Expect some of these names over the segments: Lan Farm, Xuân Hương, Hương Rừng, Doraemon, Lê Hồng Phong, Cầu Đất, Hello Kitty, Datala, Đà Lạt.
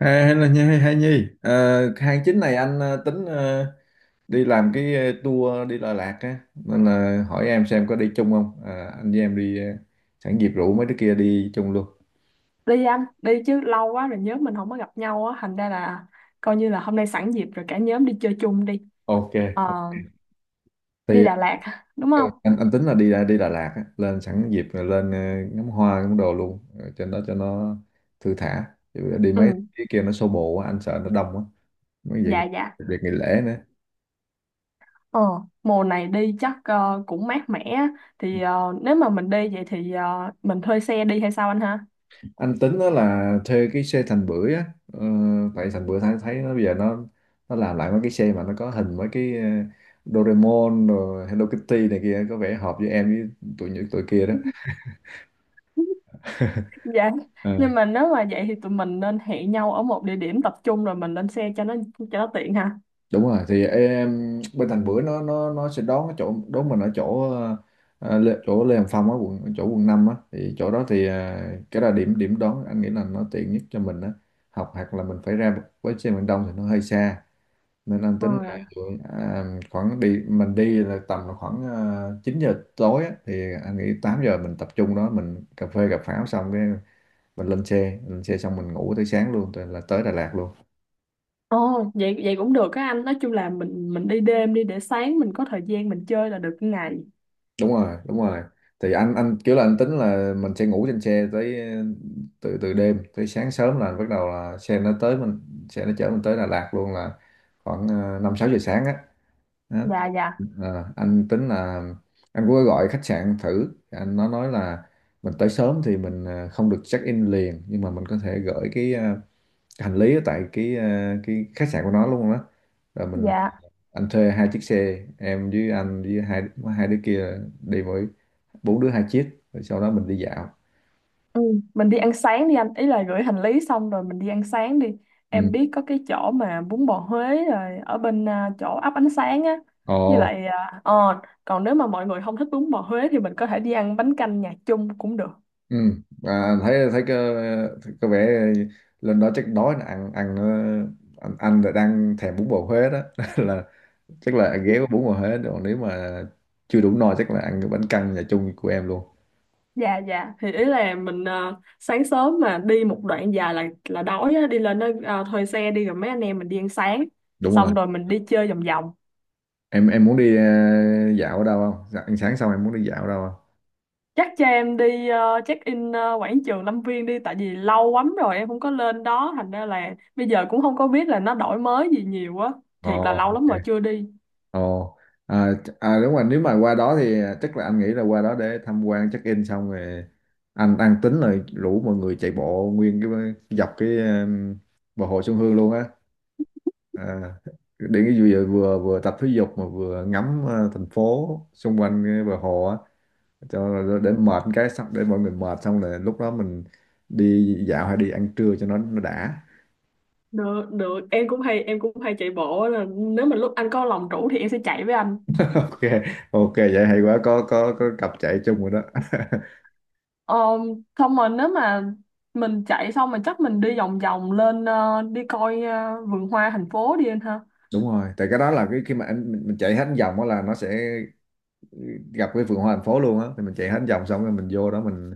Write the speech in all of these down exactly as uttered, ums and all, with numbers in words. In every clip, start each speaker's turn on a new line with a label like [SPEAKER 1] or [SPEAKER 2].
[SPEAKER 1] À, hay là Nhi, hay Nhi. Ờ, Tháng chín này anh ờ, tính ờ, đi làm cái ờ, tour đi Đà Lạt á nên là hỏi em xem có đi chung không. À, anh với em đi ờ, sẵn dịp rủ mấy đứa kia đi chung luôn.
[SPEAKER 2] Đi anh, đi chứ lâu quá rồi nhóm mình không có gặp nhau á, thành ra là coi như là hôm nay sẵn dịp rồi cả nhóm đi chơi chung đi.
[SPEAKER 1] Ok.
[SPEAKER 2] Ờ, đi
[SPEAKER 1] Thì
[SPEAKER 2] Đà Lạt hả? Đúng
[SPEAKER 1] ờ,
[SPEAKER 2] không?
[SPEAKER 1] anh anh tính là đi đi Đà Lạt á, lên sẵn dịp rồi lên ờ, ngắm hoa ngắm đồ luôn. Ờ, Trên đó cho nó thư thả. Chứ đi
[SPEAKER 2] Ừ,
[SPEAKER 1] mấy cái kia nó xô bồ quá, anh sợ nó đông quá. Mấy vậy
[SPEAKER 2] dạ dạ.
[SPEAKER 1] việc nghỉ lễ nữa.
[SPEAKER 2] ờ Mùa này đi chắc ờ, cũng mát mẻ á. Thì ờ, nếu mà mình đi vậy thì ờ, mình thuê xe đi hay sao anh ha?
[SPEAKER 1] Anh tính đó là thuê cái xe Thành Bưởi á, ờ, tại Thành Bưởi thấy thấy nó bây giờ nó nó làm lại mấy cái xe mà nó có hình mấy cái ờ, Doraemon rồi Hello Kitty này kia, có vẻ hợp với em với tụi những tụi kia đó.
[SPEAKER 2] Dạ,
[SPEAKER 1] Ờ.
[SPEAKER 2] nhưng mà nếu mà vậy thì tụi mình nên hẹn nhau ở một địa điểm tập trung rồi mình lên xe cho nó cho nó tiện ha.
[SPEAKER 1] Đúng rồi, thì em bên Thành Bưởi nó nó nó sẽ đón, cái chỗ đón mình ở chỗ ờ, Lê- chỗ Lê Hồng Phong á, quận chỗ quận năm á, thì chỗ đó thì ờ, cái là điểm điểm đón, anh nghĩ là nó tiện nhất cho mình á, học hoặc là mình phải ra với xe miền Đông thì nó hơi xa, nên anh tính là
[SPEAKER 2] Rồi.
[SPEAKER 1] à, khoảng đi mình đi là tầm khoảng uh, chín giờ tối á, thì anh nghĩ tám giờ mình tập trung đó, mình cà phê cà pháo xong cái mình lên xe lên xe xong mình ngủ tới sáng luôn, tới là tới Đà Lạt luôn.
[SPEAKER 2] Ồ, vậy vậy cũng được á anh. Nói chung là mình mình đi đêm đi để sáng mình có thời gian mình chơi là được cái ngày.
[SPEAKER 1] Đúng rồi, đúng rồi, thì anh anh kiểu là anh tính là mình sẽ ngủ trên xe tới ờ, từ từ đêm tới sáng sớm là bắt đầu là xe nó tới mình, xe nó chở mình tới Đà Lạt luôn, là khoảng à, năm sáu giờ sáng á. Đó.
[SPEAKER 2] Dạ dạ
[SPEAKER 1] Ờ, anh tính là anh cũng có gọi khách sạn thử, anh nó nói là mình tới sớm thì mình ờ, không được check in liền, nhưng mà mình có thể gửi cái ờ, hành lý ở tại cái ờ, cái khách sạn của nó luôn đó, rồi mình
[SPEAKER 2] dạ.
[SPEAKER 1] anh thuê hai chiếc xe, em với anh với hai hai đứa kia, đi mỗi bốn đứa hai chiếc, rồi sau đó mình đi dạo.
[SPEAKER 2] Ừ. Mình đi ăn sáng đi anh, ý là gửi hành lý xong rồi mình đi ăn sáng đi. Em
[SPEAKER 1] Ừ.
[SPEAKER 2] biết có cái chỗ mà bún bò Huế rồi ở bên à, chỗ ấp ánh sáng á.
[SPEAKER 1] Ồ.
[SPEAKER 2] Với lại à, ờ còn nếu mà mọi người không thích bún bò Huế thì mình có thể đi ăn bánh canh nhà chung cũng được.
[SPEAKER 1] Ừ. À, thấy thấy có, có vẻ lên đó chắc đói nè, ăn ăn ờ, anh anh là đang thèm bún bò Huế đó là chắc là ăn ghé có bún bò Huế rồi, nếu mà chưa đủ no chắc là ăn cái bánh căn nhà chung của em luôn.
[SPEAKER 2] Dạ dạ, thì ý là mình à, sáng sớm mà đi một đoạn dài là là đói á, đi lên đó à, thuê xe đi rồi mấy anh em mình đi ăn sáng
[SPEAKER 1] Đúng rồi.
[SPEAKER 2] xong rồi mình đi chơi vòng vòng.
[SPEAKER 1] Em em muốn đi ờ, dạo ở đâu không? Dạ, ăn sáng xong em muốn đi dạo ở đâu không?
[SPEAKER 2] Chắc cho em đi ờ, check in ờ, quảng trường Lâm Viên đi, tại vì lâu lắm rồi em không có lên đó, thành ra là bây giờ cũng không có biết là nó đổi mới gì nhiều á.
[SPEAKER 1] Ồ,
[SPEAKER 2] Thiệt là lâu
[SPEAKER 1] ok.
[SPEAKER 2] lắm rồi chưa đi.
[SPEAKER 1] ồ à, ch- à, Đúng rồi, nếu mà qua đó thì à, chắc là anh nghĩ là qua đó để tham quan check in xong rồi anh anh tính là rủ mọi người chạy bộ nguyên cái, dọc cái um, bờ hồ Xuân Hương luôn á, à, để cái vừa vừa vừa tập thể dục mà vừa ngắm ờ, thành phố xung quanh cái bờ hồ á, cho để mệt cái xong, để mọi người mệt xong là lúc đó mình đi dạo hay đi ăn trưa cho nó nó đã.
[SPEAKER 2] Được được, em cũng hay em cũng hay chạy bộ á, là nếu mà lúc anh có lòng rủ thì em sẽ chạy với anh.
[SPEAKER 1] Ok, ok, vậy hay quá, có có có cặp chạy chung rồi đó.
[SPEAKER 2] Ờ, xong rồi nếu mà mình chạy xong mà chắc mình đi vòng vòng lên ờ, đi coi ờ, vườn hoa thành phố đi anh ha.
[SPEAKER 1] Đúng rồi, tại cái đó là cái khi mà anh mình, mình chạy hết vòng đó là nó sẽ gặp cái vườn hoa thành phố luôn á, thì mình chạy hết vòng xong rồi mình vô đó mình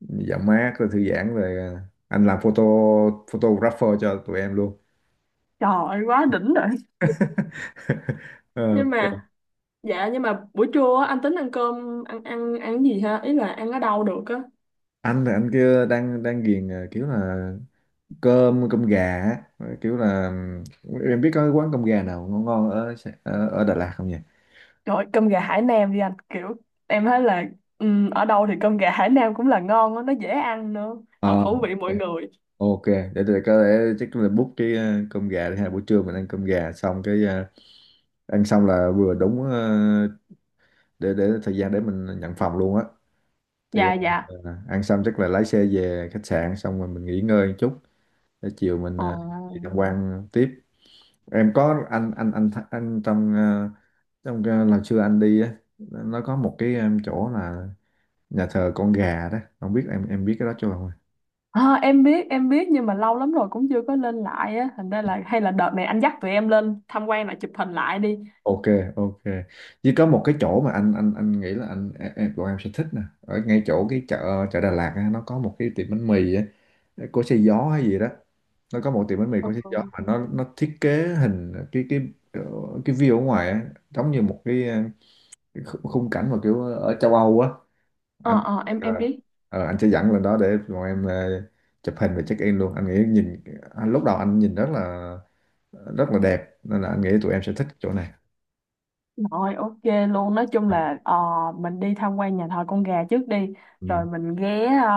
[SPEAKER 1] dạo mát rồi thư giãn rồi à, anh làm photo photographer cho tụi em luôn.
[SPEAKER 2] Trời ơi, quá đỉnh rồi.
[SPEAKER 1] Ờ,
[SPEAKER 2] Nhưng
[SPEAKER 1] ok.
[SPEAKER 2] mà dạ, nhưng mà buổi trưa á, anh tính ăn cơm ăn ăn ăn gì ha, ý là ăn ở đâu được á?
[SPEAKER 1] Anh là anh kia đang đang ghiền à, kiểu là cơm cơm gà á. Rồi kiểu là em biết có cái quán cơm gà nào ngon ngon ở Sài- ở, ở Đà Lạt không nhỉ?
[SPEAKER 2] Trời ơi, cơm gà Hải Nam đi anh, kiểu em thấy là ừm, ở đâu thì cơm gà Hải Nam cũng là ngon á, nó dễ ăn nữa,
[SPEAKER 1] Ờ,
[SPEAKER 2] hợp khẩu vị mỗi
[SPEAKER 1] ok.
[SPEAKER 2] người.
[SPEAKER 1] Ok, để tôi có thể chắc là book cái ờ, cơm gà đi ha, buổi trưa mình ăn cơm gà xong cái ờ, ăn xong là vừa đúng ờ, để để thời gian để mình nhận phòng luôn á, thì
[SPEAKER 2] Dạ dạ.
[SPEAKER 1] ờ, ăn xong chắc là lái xe về khách sạn xong rồi mình nghỉ ngơi một chút để chiều mình
[SPEAKER 2] Ờ.
[SPEAKER 1] ờ, đi tham quan tiếp. Em có, anh anh anh th- anh trong ờ, trong cái lần xưa anh đi á, nó có một cái, em, chỗ là nhà thờ con gà đó, không biết em em biết cái đó chưa không?
[SPEAKER 2] Ờ, em biết em biết nhưng mà lâu lắm rồi cũng chưa có lên lại á, thành ra là hay là đợt này anh dắt tụi em lên tham quan lại chụp hình lại đi.
[SPEAKER 1] Ok. Ok. Chỉ có một cái chỗ mà anh anh anh nghĩ là anh em em- bọn em sẽ thích nè, ở ngay chỗ cái chợ chợ Đà Lạt á, nó có một cái tiệm bánh mì á, của xe gió hay gì đó, nó có một tiệm bánh mì
[SPEAKER 2] ờ
[SPEAKER 1] của xe gió mà nó nó thiết kế hình cái cái ờ, cái view ở ngoài á, giống như một cái khu- khung cảnh mà kiểu ở châu Âu á.
[SPEAKER 2] ờ
[SPEAKER 1] anh
[SPEAKER 2] ờ, em
[SPEAKER 1] Ờ,
[SPEAKER 2] em biết.
[SPEAKER 1] ờ, anh sẽ dẫn lên đó để bọn em ờ, chụp hình và check in luôn, anh nghĩ nhìn, anh, lúc đầu anh nhìn rất là rất là đẹp, nên là anh nghĩ tụi em sẽ thích chỗ này.
[SPEAKER 2] Rồi ok luôn, nói chung là ờ, mình đi tham quan nhà thờ con gà trước đi.
[SPEAKER 1] Ừ.
[SPEAKER 2] Rồi mình ghé ờ,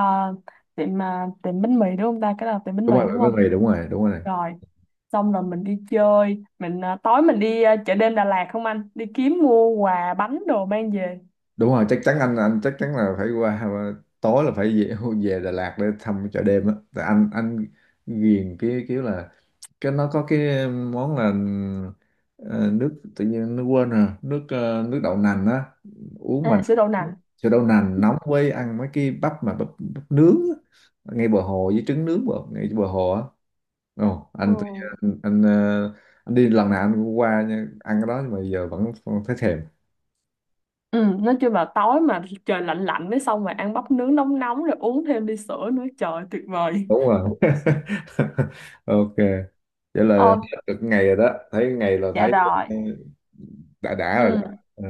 [SPEAKER 2] tiệm ờ, tiệm bánh mì đúng không ta, cái đó là tiệm bánh
[SPEAKER 1] Đúng
[SPEAKER 2] mì
[SPEAKER 1] rồi,
[SPEAKER 2] đúng
[SPEAKER 1] bởi
[SPEAKER 2] không?
[SPEAKER 1] vì đúng rồi, đúng rồi,
[SPEAKER 2] Rồi xong rồi mình đi chơi, mình à, tối mình đi à, chợ đêm Đà Lạt không anh, đi kiếm mua quà bánh đồ mang về.
[SPEAKER 1] đúng rồi, chắc chắn, anh anh chắc chắn là phải qua, tối là phải về, về Đà Lạt để thăm chợ đêm á. Tại anh anh ghiền cái kiểu là cái nó có cái món là ờ, nước tự nhiên nó quên rồi, nước ờ, nước đậu nành á uống, mà
[SPEAKER 2] À, sữa đậu nành.
[SPEAKER 1] sữa đậu nành nóng với ăn mấy cái bắp mà bắp, bắp nướng á, ngay bờ hồ, với trứng nướng bờ, ngay bờ hồ á. Ồ,
[SPEAKER 2] Ừ.
[SPEAKER 1] anh, tự nhiên- anh anh ờ, anh đi lần nào anh cũng qua nha, ăn cái đó, nhưng mà giờ vẫn thấy thèm.
[SPEAKER 2] Ừ, nói chung là tối mà trời lạnh lạnh mới xong rồi ăn bắp nướng nóng nóng rồi uống thêm ly sữa nữa, trời tuyệt vời.
[SPEAKER 1] Đúng rồi. Ok, vậy là
[SPEAKER 2] Ờ,
[SPEAKER 1] hết được ngày rồi đó, thấy ngày là
[SPEAKER 2] dạ
[SPEAKER 1] thấy
[SPEAKER 2] rồi.
[SPEAKER 1] ờ, đã đã rồi
[SPEAKER 2] Ừ,
[SPEAKER 1] đó. Ờ.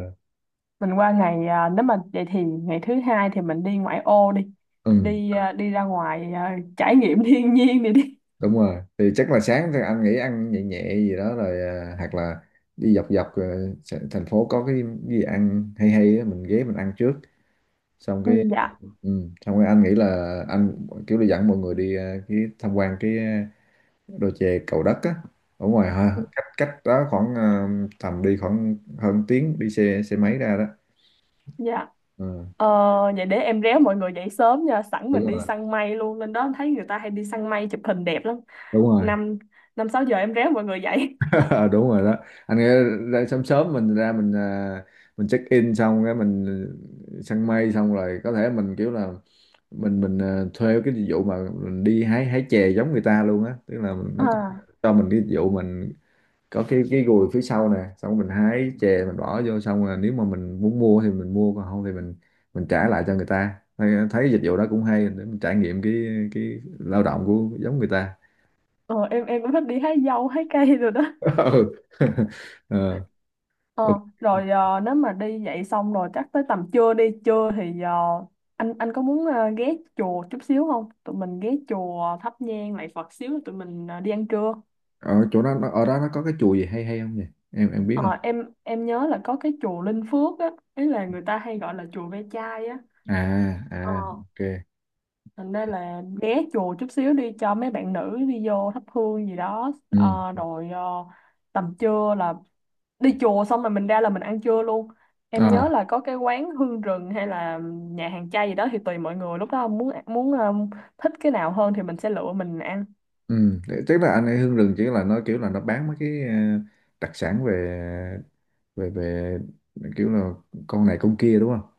[SPEAKER 2] mình qua ngày à, nếu mà vậy thì ngày thứ hai thì mình đi ngoại ô đi.
[SPEAKER 1] Ừ.
[SPEAKER 2] Đi à, đi ra ngoài à, trải nghiệm thiên nhiên đi đi.
[SPEAKER 1] Đúng rồi, thì chắc là sáng thì anh nghĩ ăn nhẹ nhẹ gì đó rồi, à, hoặc là đi dọc dọc ờ, s- thành phố có cái gì ăn hay hay á, mình ghé mình ăn trước xong
[SPEAKER 2] Ừ,
[SPEAKER 1] cái,
[SPEAKER 2] dạ.
[SPEAKER 1] ừ, xong cái anh nghĩ là anh kiểu đi dẫn mọi người đi ờ, cái tham quan cái ờ, đồi chè Cầu Đất á, ở ngoài ha, cách cách đó khoảng ờ, tầm đi khoảng hơn tiếng đi xe xe máy ra đó.
[SPEAKER 2] Dạ.
[SPEAKER 1] Ừ,
[SPEAKER 2] Ờ, vậy để em réo mọi người dậy sớm nha, sẵn mình
[SPEAKER 1] đúng
[SPEAKER 2] đi
[SPEAKER 1] rồi,
[SPEAKER 2] săn mây luôn, lên đó thấy người ta hay đi săn mây chụp hình đẹp lắm.
[SPEAKER 1] đúng rồi.
[SPEAKER 2] Năm Năm sáu giờ em réo mọi người dậy.
[SPEAKER 1] Đúng rồi đó, anh nghĩ ra sớm sớm mình ra, mình à, mình check in xong cái mình ờ, săn mây xong rồi, có thể mình kiểu là mình mình à, thuê cái dịch vụ mà mình đi hái hái chè giống người ta luôn á, tức là mình, nó có,
[SPEAKER 2] À,
[SPEAKER 1] cho mình cái dịch vụ, mình có cái cái gùi phía sau nè, xong mình hái chè mình bỏ vô, xong rồi nếu mà mình muốn mua thì mình mua, còn không thì mình mình trả lại cho người ta, thấy, thấy dịch vụ đó cũng hay, để mình trải nghiệm cái cái lao động của giống người ta.
[SPEAKER 2] ờ, em em cũng thích đi hái dâu hái cây rồi đó.
[SPEAKER 1] Ừ. Ờ. Ừ.
[SPEAKER 2] Ờ, rồi ờ, nếu mà đi dậy xong rồi chắc tới tầm trưa đi trưa thì ờ, anh anh có muốn ờ, ghé chùa chút xíu không? Tụi mình ghé chùa thắp nhang lại Phật xíu rồi tụi mình ờ, đi ăn trưa.
[SPEAKER 1] Ở chỗ đó nó- ở đó nó có cái chùa gì hay hay không nhỉ? Em em biết không?
[SPEAKER 2] Ờ, em em nhớ là có cái chùa Linh Phước á, ý là người ta hay gọi là chùa ve chai á.
[SPEAKER 1] À.
[SPEAKER 2] Ờ,
[SPEAKER 1] À. Ok.
[SPEAKER 2] thành ra là ghé chùa chút xíu đi cho mấy bạn nữ đi vô thắp hương gì đó.
[SPEAKER 1] Ừ.
[SPEAKER 2] Ờ, rồi ờ, tầm trưa là đi chùa xong rồi mình ra là mình ăn trưa luôn. Em nhớ
[SPEAKER 1] À.
[SPEAKER 2] là có cái quán hương rừng hay là nhà hàng chay gì đó thì tùy mọi người lúc đó muốn muốn ờ, thích cái nào hơn thì mình sẽ lựa mình ăn.
[SPEAKER 1] Ừ. Thế- tức là anh ấy Hương Rừng chỉ là nó kiểu là nó bán mấy cái ờ, đặc sản về về về kiểu là con này con kia, đúng không?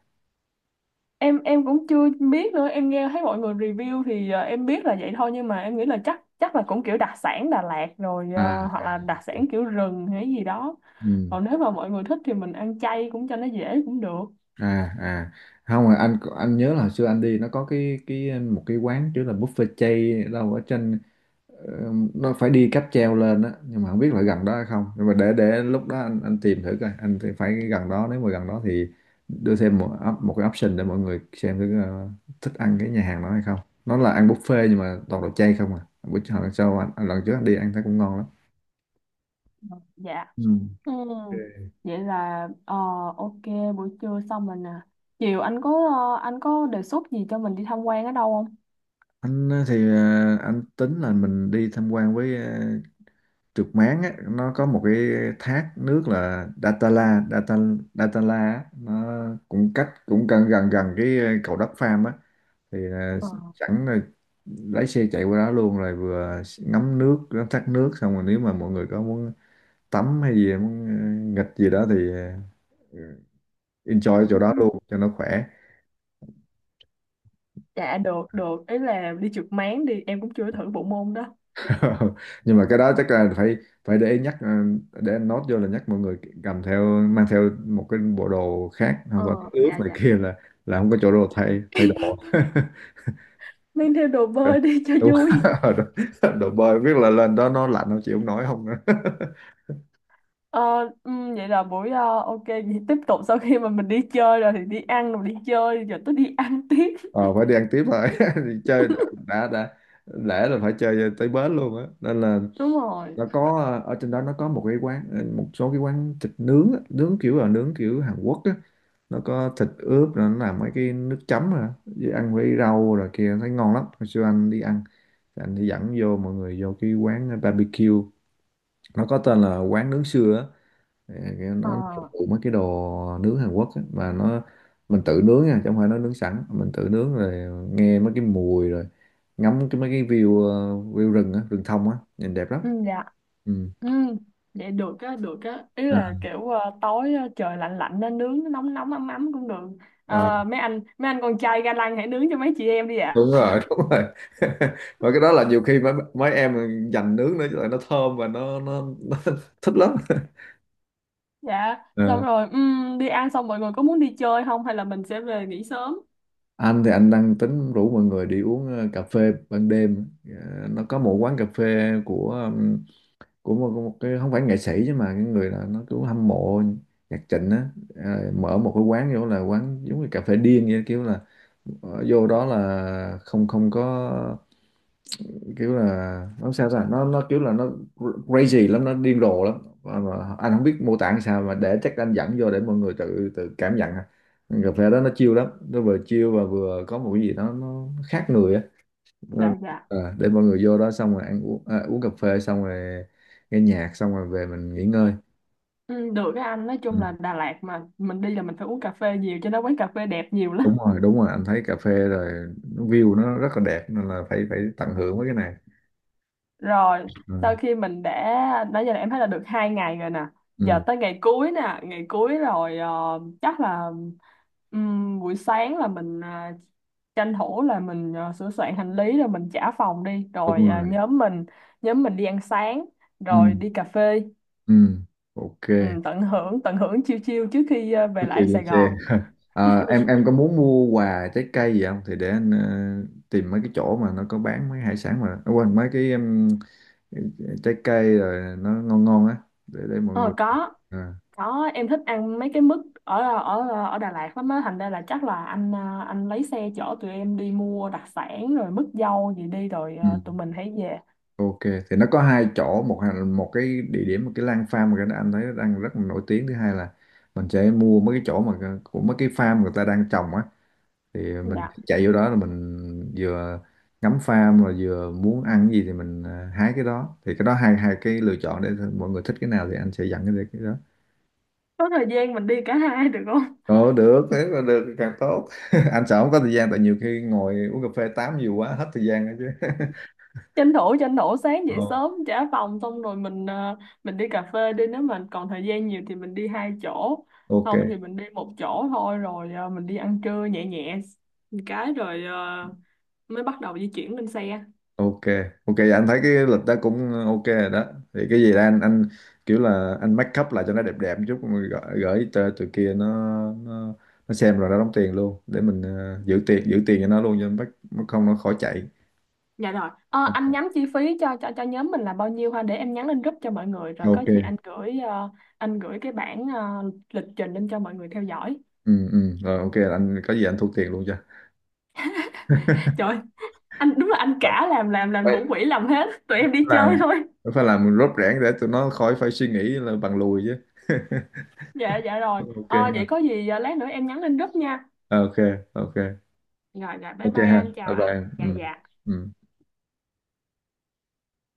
[SPEAKER 2] Em em cũng chưa biết nữa, em nghe thấy mọi người review thì ờ, em biết là vậy thôi, nhưng mà em nghĩ là chắc chắc là cũng kiểu đặc sản Đà Lạt rồi,
[SPEAKER 1] À.
[SPEAKER 2] ờ, hoặc là đặc sản kiểu rừng hay gì đó.
[SPEAKER 1] Ừ.
[SPEAKER 2] Còn nếu mà mọi người thích thì mình ăn chay cũng cho nó dễ cũng được.
[SPEAKER 1] À. À. Không, mà anh anh nhớ là hồi xưa anh đi nó có cái cái một cái quán kiểu là buffet chay đâu ở trên. Ờ, nó phải đi cáp treo lên á, nhưng mà không biết là gần đó hay không. Nhưng mà để để lúc đó anh anh tìm thử coi, anh thì phải gần đó, nếu mà gần đó thì đưa thêm một op- một cái option để mọi người xem thử ờ, thích ăn cái nhà hàng đó hay không. Nó là ăn buffet nhưng mà toàn đồ chay không à, bữa lần sau anh, anh lần trước anh đi ăn thấy cũng ngon lắm.
[SPEAKER 2] Dạ,
[SPEAKER 1] Ừ.
[SPEAKER 2] ừ.
[SPEAKER 1] Ok.
[SPEAKER 2] Vậy là ờ, ok, buổi trưa xong rồi nè, chiều anh có ờ, anh có đề xuất gì cho mình đi tham quan ở đâu không?
[SPEAKER 1] Anh ờ, thì ờ, anh tính là mình đi tham quan với ờ, trượt máng á. Nó có một cái thác nước là Datala Data, Datala á. Nó cũng cách cũng gần gần gần cái ờ, cầu Đất Pham á, thì à,
[SPEAKER 2] Ờ,
[SPEAKER 1] sẵn là lái xe chạy qua đó luôn, rồi vừa ngắm nước ngắm thác nước, xong rồi nếu mà mọi người có muốn tắm hay gì, muốn ờ, nghịch gì đó thì ờ, enjoy ở chỗ đó luôn cho nó khỏe.
[SPEAKER 2] dạ được được, ý là đi trượt máng đi, em cũng chưa thử bộ môn đó.
[SPEAKER 1] Nhưng mà cái đó chắc là phải phải để ý nhắc, ờ, để anh nốt vô là nhắc mọi người cầm theo, mang theo một cái bộ đồ khác không còn
[SPEAKER 2] Ờ,
[SPEAKER 1] ướt
[SPEAKER 2] dạ
[SPEAKER 1] này
[SPEAKER 2] dạ.
[SPEAKER 1] kia, là là không có chỗ đồ thay thay đồ.
[SPEAKER 2] Mang theo đồ bơi đi cho
[SPEAKER 1] Đúng.
[SPEAKER 2] vui.
[SPEAKER 1] Đồ bơi, biết là lên đó nó lạnh không chịu không nổi không nữa.
[SPEAKER 2] Ờ, ừm, vậy là buổi ờ, ok, vậy tiếp tục sau khi mà mình đi chơi rồi thì đi ăn rồi đi chơi giờ tôi đi ăn tiếp.
[SPEAKER 1] Ờ, phải đi ăn tiếp rồi. Thì chơi đã, đã đã lẽ là phải chơi tới bến luôn á, nên là
[SPEAKER 2] Đúng rồi.
[SPEAKER 1] nó có ờ, ở trên đó nó có một cái quán ờ, một số cái quán thịt nướng á, nướng kiểu là nướng kiểu Hàn Quốc á. Nó có thịt ướp rồi nó làm mấy cái nước chấm rồi đó, với ăn với rau rồi kia, thấy ngon lắm. Hồi xưa anh đi ăn thì anh đi dẫn vô mọi người vô cái quán barbecue, nó có tên là quán nướng sưa á. Thì cái-
[SPEAKER 2] ờ
[SPEAKER 1] nó phục vụ mấy cái đồ nướng Hàn Quốc á, mà nó mình tự nướng nha, chứ không phải nó nướng sẵn. Mình tự nướng rồi nghe mấy cái mùi, rồi ngắm cái mấy cái view, ờ, view rừng á, rừng thông á, nhìn đẹp lắm.
[SPEAKER 2] ừm, dạ.
[SPEAKER 1] Ừ.
[SPEAKER 2] Ừm, Vậy được á được á, ý
[SPEAKER 1] À.
[SPEAKER 2] là kiểu ờ, tối ờ, trời lạnh lạnh nên nướng nó nóng nóng ấm ấm cũng được.
[SPEAKER 1] Ờ,
[SPEAKER 2] Ờ, mấy anh mấy anh con trai ga lăng hãy nướng cho mấy chị em đi ạ.
[SPEAKER 1] đúng rồi, đúng rồi. Và cái đó là nhiều khi mấy mấy em dành nướng nữa chứ lại, nó thơm và nó nó, nó thích lắm.
[SPEAKER 2] Dạ
[SPEAKER 1] Ờ.
[SPEAKER 2] xong rồi, ừm, đi ăn xong mọi người có muốn đi chơi không hay là mình sẽ về nghỉ sớm?
[SPEAKER 1] Anh thì anh đang tính rủ mọi người đi uống ờ, cà phê ban đêm. Ờ, nó có một quán cà phê của ừm, của một, một cái, không phải nghệ sĩ chứ, mà cái người là nó cứ hâm mộ nhạc Trịnh á. Ờ, mở một cái quán, vô là quán giống như cà phê điên vậy, kiểu là ờ, vô đó là không không có, kiểu là nó sao ta, nó nó kiểu là nó crazy lắm, nó điên rồ lắm. Mà, mà anh không biết mô tả làm sao, mà để chắc anh dẫn vô để mọi người tự tự cảm nhận ha. Cà phê đó nó chill lắm, nó vừa chill và vừa có một cái gì đó nó khác người á. Nên-
[SPEAKER 2] Dạ dạ.
[SPEAKER 1] À, để mọi người vô đó xong rồi ăn uống, à, uống cà phê xong rồi nghe nhạc, xong rồi về mình nghỉ ngơi.
[SPEAKER 2] Ừm, được cái anh, nói
[SPEAKER 1] Ừ.
[SPEAKER 2] chung là Đà Lạt mà mình đi là mình phải uống cà phê nhiều cho nó, quán cà phê đẹp nhiều lắm.
[SPEAKER 1] Đúng rồi, đúng rồi, anh thấy cà phê rồi, nó view nó rất là đẹp, nên là phải phải tận hưởng với cái này.
[SPEAKER 2] Rồi,
[SPEAKER 1] Ừ.
[SPEAKER 2] sau khi mình đã, nãy giờ là em thấy là được hai ngày rồi nè. Giờ
[SPEAKER 1] Ừ.
[SPEAKER 2] tới ngày cuối nè, ngày cuối rồi, ờ, chắc là ừm, buổi sáng là mình ờ, tranh thủ là mình ờ, sửa soạn hành lý rồi mình trả phòng đi, rồi
[SPEAKER 1] Đúng
[SPEAKER 2] ờ,
[SPEAKER 1] rồi.
[SPEAKER 2] nhóm mình nhóm mình đi ăn sáng
[SPEAKER 1] Ừ.
[SPEAKER 2] rồi đi cà phê.
[SPEAKER 1] Ừ. Ok.
[SPEAKER 2] Ừm, tận hưởng tận hưởng chiêu chiêu trước khi ờ,
[SPEAKER 1] Trước
[SPEAKER 2] về
[SPEAKER 1] khi
[SPEAKER 2] lại
[SPEAKER 1] lên
[SPEAKER 2] Sài
[SPEAKER 1] xe,
[SPEAKER 2] Gòn.
[SPEAKER 1] ờ, em em có muốn mua quà trái cây gì không, thì để anh ờ, tìm mấy cái chỗ mà nó có bán mấy hải sản, mà ờ, quên, mấy cái um, trái cây rồi, nó ngon ngon á, để để mọi người.
[SPEAKER 2] Ờ, có.
[SPEAKER 1] À.
[SPEAKER 2] Có, em thích ăn mấy cái mứt ở ở ở Đà Lạt lắm á, thành ra là chắc là anh à, anh lấy xe chở tụi em đi mua đặc sản rồi mứt dâu gì đi rồi
[SPEAKER 1] Ừ.
[SPEAKER 2] à, tụi mình hãy về.
[SPEAKER 1] Ok, thì nó có hai chỗ, một hà- một cái địa điểm, một cái Lan Farm, mà cái đó anh thấy nó đang rất là nổi tiếng. Thứ hai là mình sẽ mua mấy cái chỗ mà ờ, của mấy cái farm người ta đang trồng á, thì mình
[SPEAKER 2] Dạ.
[SPEAKER 1] chạy vô đó là mình vừa ngắm farm, rồi vừa muốn ăn cái gì thì mình à, hái cái đó. Thì cái đó hai hai cái lựa chọn để mọi người thích cái nào thì anh sẽ dặn cái cái đó.
[SPEAKER 2] Có thời gian mình đi cả hai được không?
[SPEAKER 1] Ồ, được, thế là được thì càng tốt. Anh sợ không có thời gian, tại nhiều khi ngồi uống cà phê tám nhiều quá, hết thời gian đó chứ.
[SPEAKER 2] Tranh thủ tranh thủ sáng dậy
[SPEAKER 1] Ồ.
[SPEAKER 2] sớm trả phòng xong rồi mình à, mình đi cà phê đi, nếu mà còn thời gian nhiều thì mình đi hai chỗ,
[SPEAKER 1] Ok.
[SPEAKER 2] không thì mình đi một chỗ thôi rồi à, mình đi ăn trưa nhẹ nhẹ một cái rồi à, mới bắt đầu di chuyển lên xe.
[SPEAKER 1] Ok. Ok, dạ anh thấy cái lịch đó cũng ok rồi đó, thì cái gì đó anh anh kiểu là anh make up lại cho nó đẹp đẹp một chút, rồi gửi, gửi cho tụi kia, nó nó nó xem rồi nó đóng tiền luôn, để mình ờ, giữ tiền, giữ tiền cho nó luôn cho bắt, không nó khỏi chạy.
[SPEAKER 2] Dạ rồi. Ờ, anh nhắn chi phí cho cho cho nhóm mình là bao nhiêu ha, để em nhắn lên group cho mọi người rồi có gì
[SPEAKER 1] Ok.
[SPEAKER 2] anh gửi ờ, anh gửi cái bản ờ, lịch trình lên cho mọi người theo dõi.
[SPEAKER 1] Ừ ừ rồi, ok, anh có gì anh thu tiền luôn cho.
[SPEAKER 2] Trời ơi, anh đúng là anh
[SPEAKER 1] phải
[SPEAKER 2] cả, làm làm làm
[SPEAKER 1] phải
[SPEAKER 2] thủ quỹ làm hết, tụi em đi chơi
[SPEAKER 1] làm,
[SPEAKER 2] thôi.
[SPEAKER 1] phải làm rốt rẽn để tụi nó khỏi phải suy nghĩ là bằng lùi chứ.
[SPEAKER 2] Dạ dạ rồi.
[SPEAKER 1] Ok
[SPEAKER 2] Ờ, vậy có
[SPEAKER 1] ha.
[SPEAKER 2] gì ờ, lát nữa em nhắn lên group nha.
[SPEAKER 1] Ok. Ok.
[SPEAKER 2] Rồi rồi, bye
[SPEAKER 1] Ok
[SPEAKER 2] bye
[SPEAKER 1] ha.
[SPEAKER 2] anh, chào
[SPEAKER 1] Bye
[SPEAKER 2] anh.
[SPEAKER 1] bye
[SPEAKER 2] Dạ
[SPEAKER 1] em. Ừ.
[SPEAKER 2] dạ.
[SPEAKER 1] Ừ.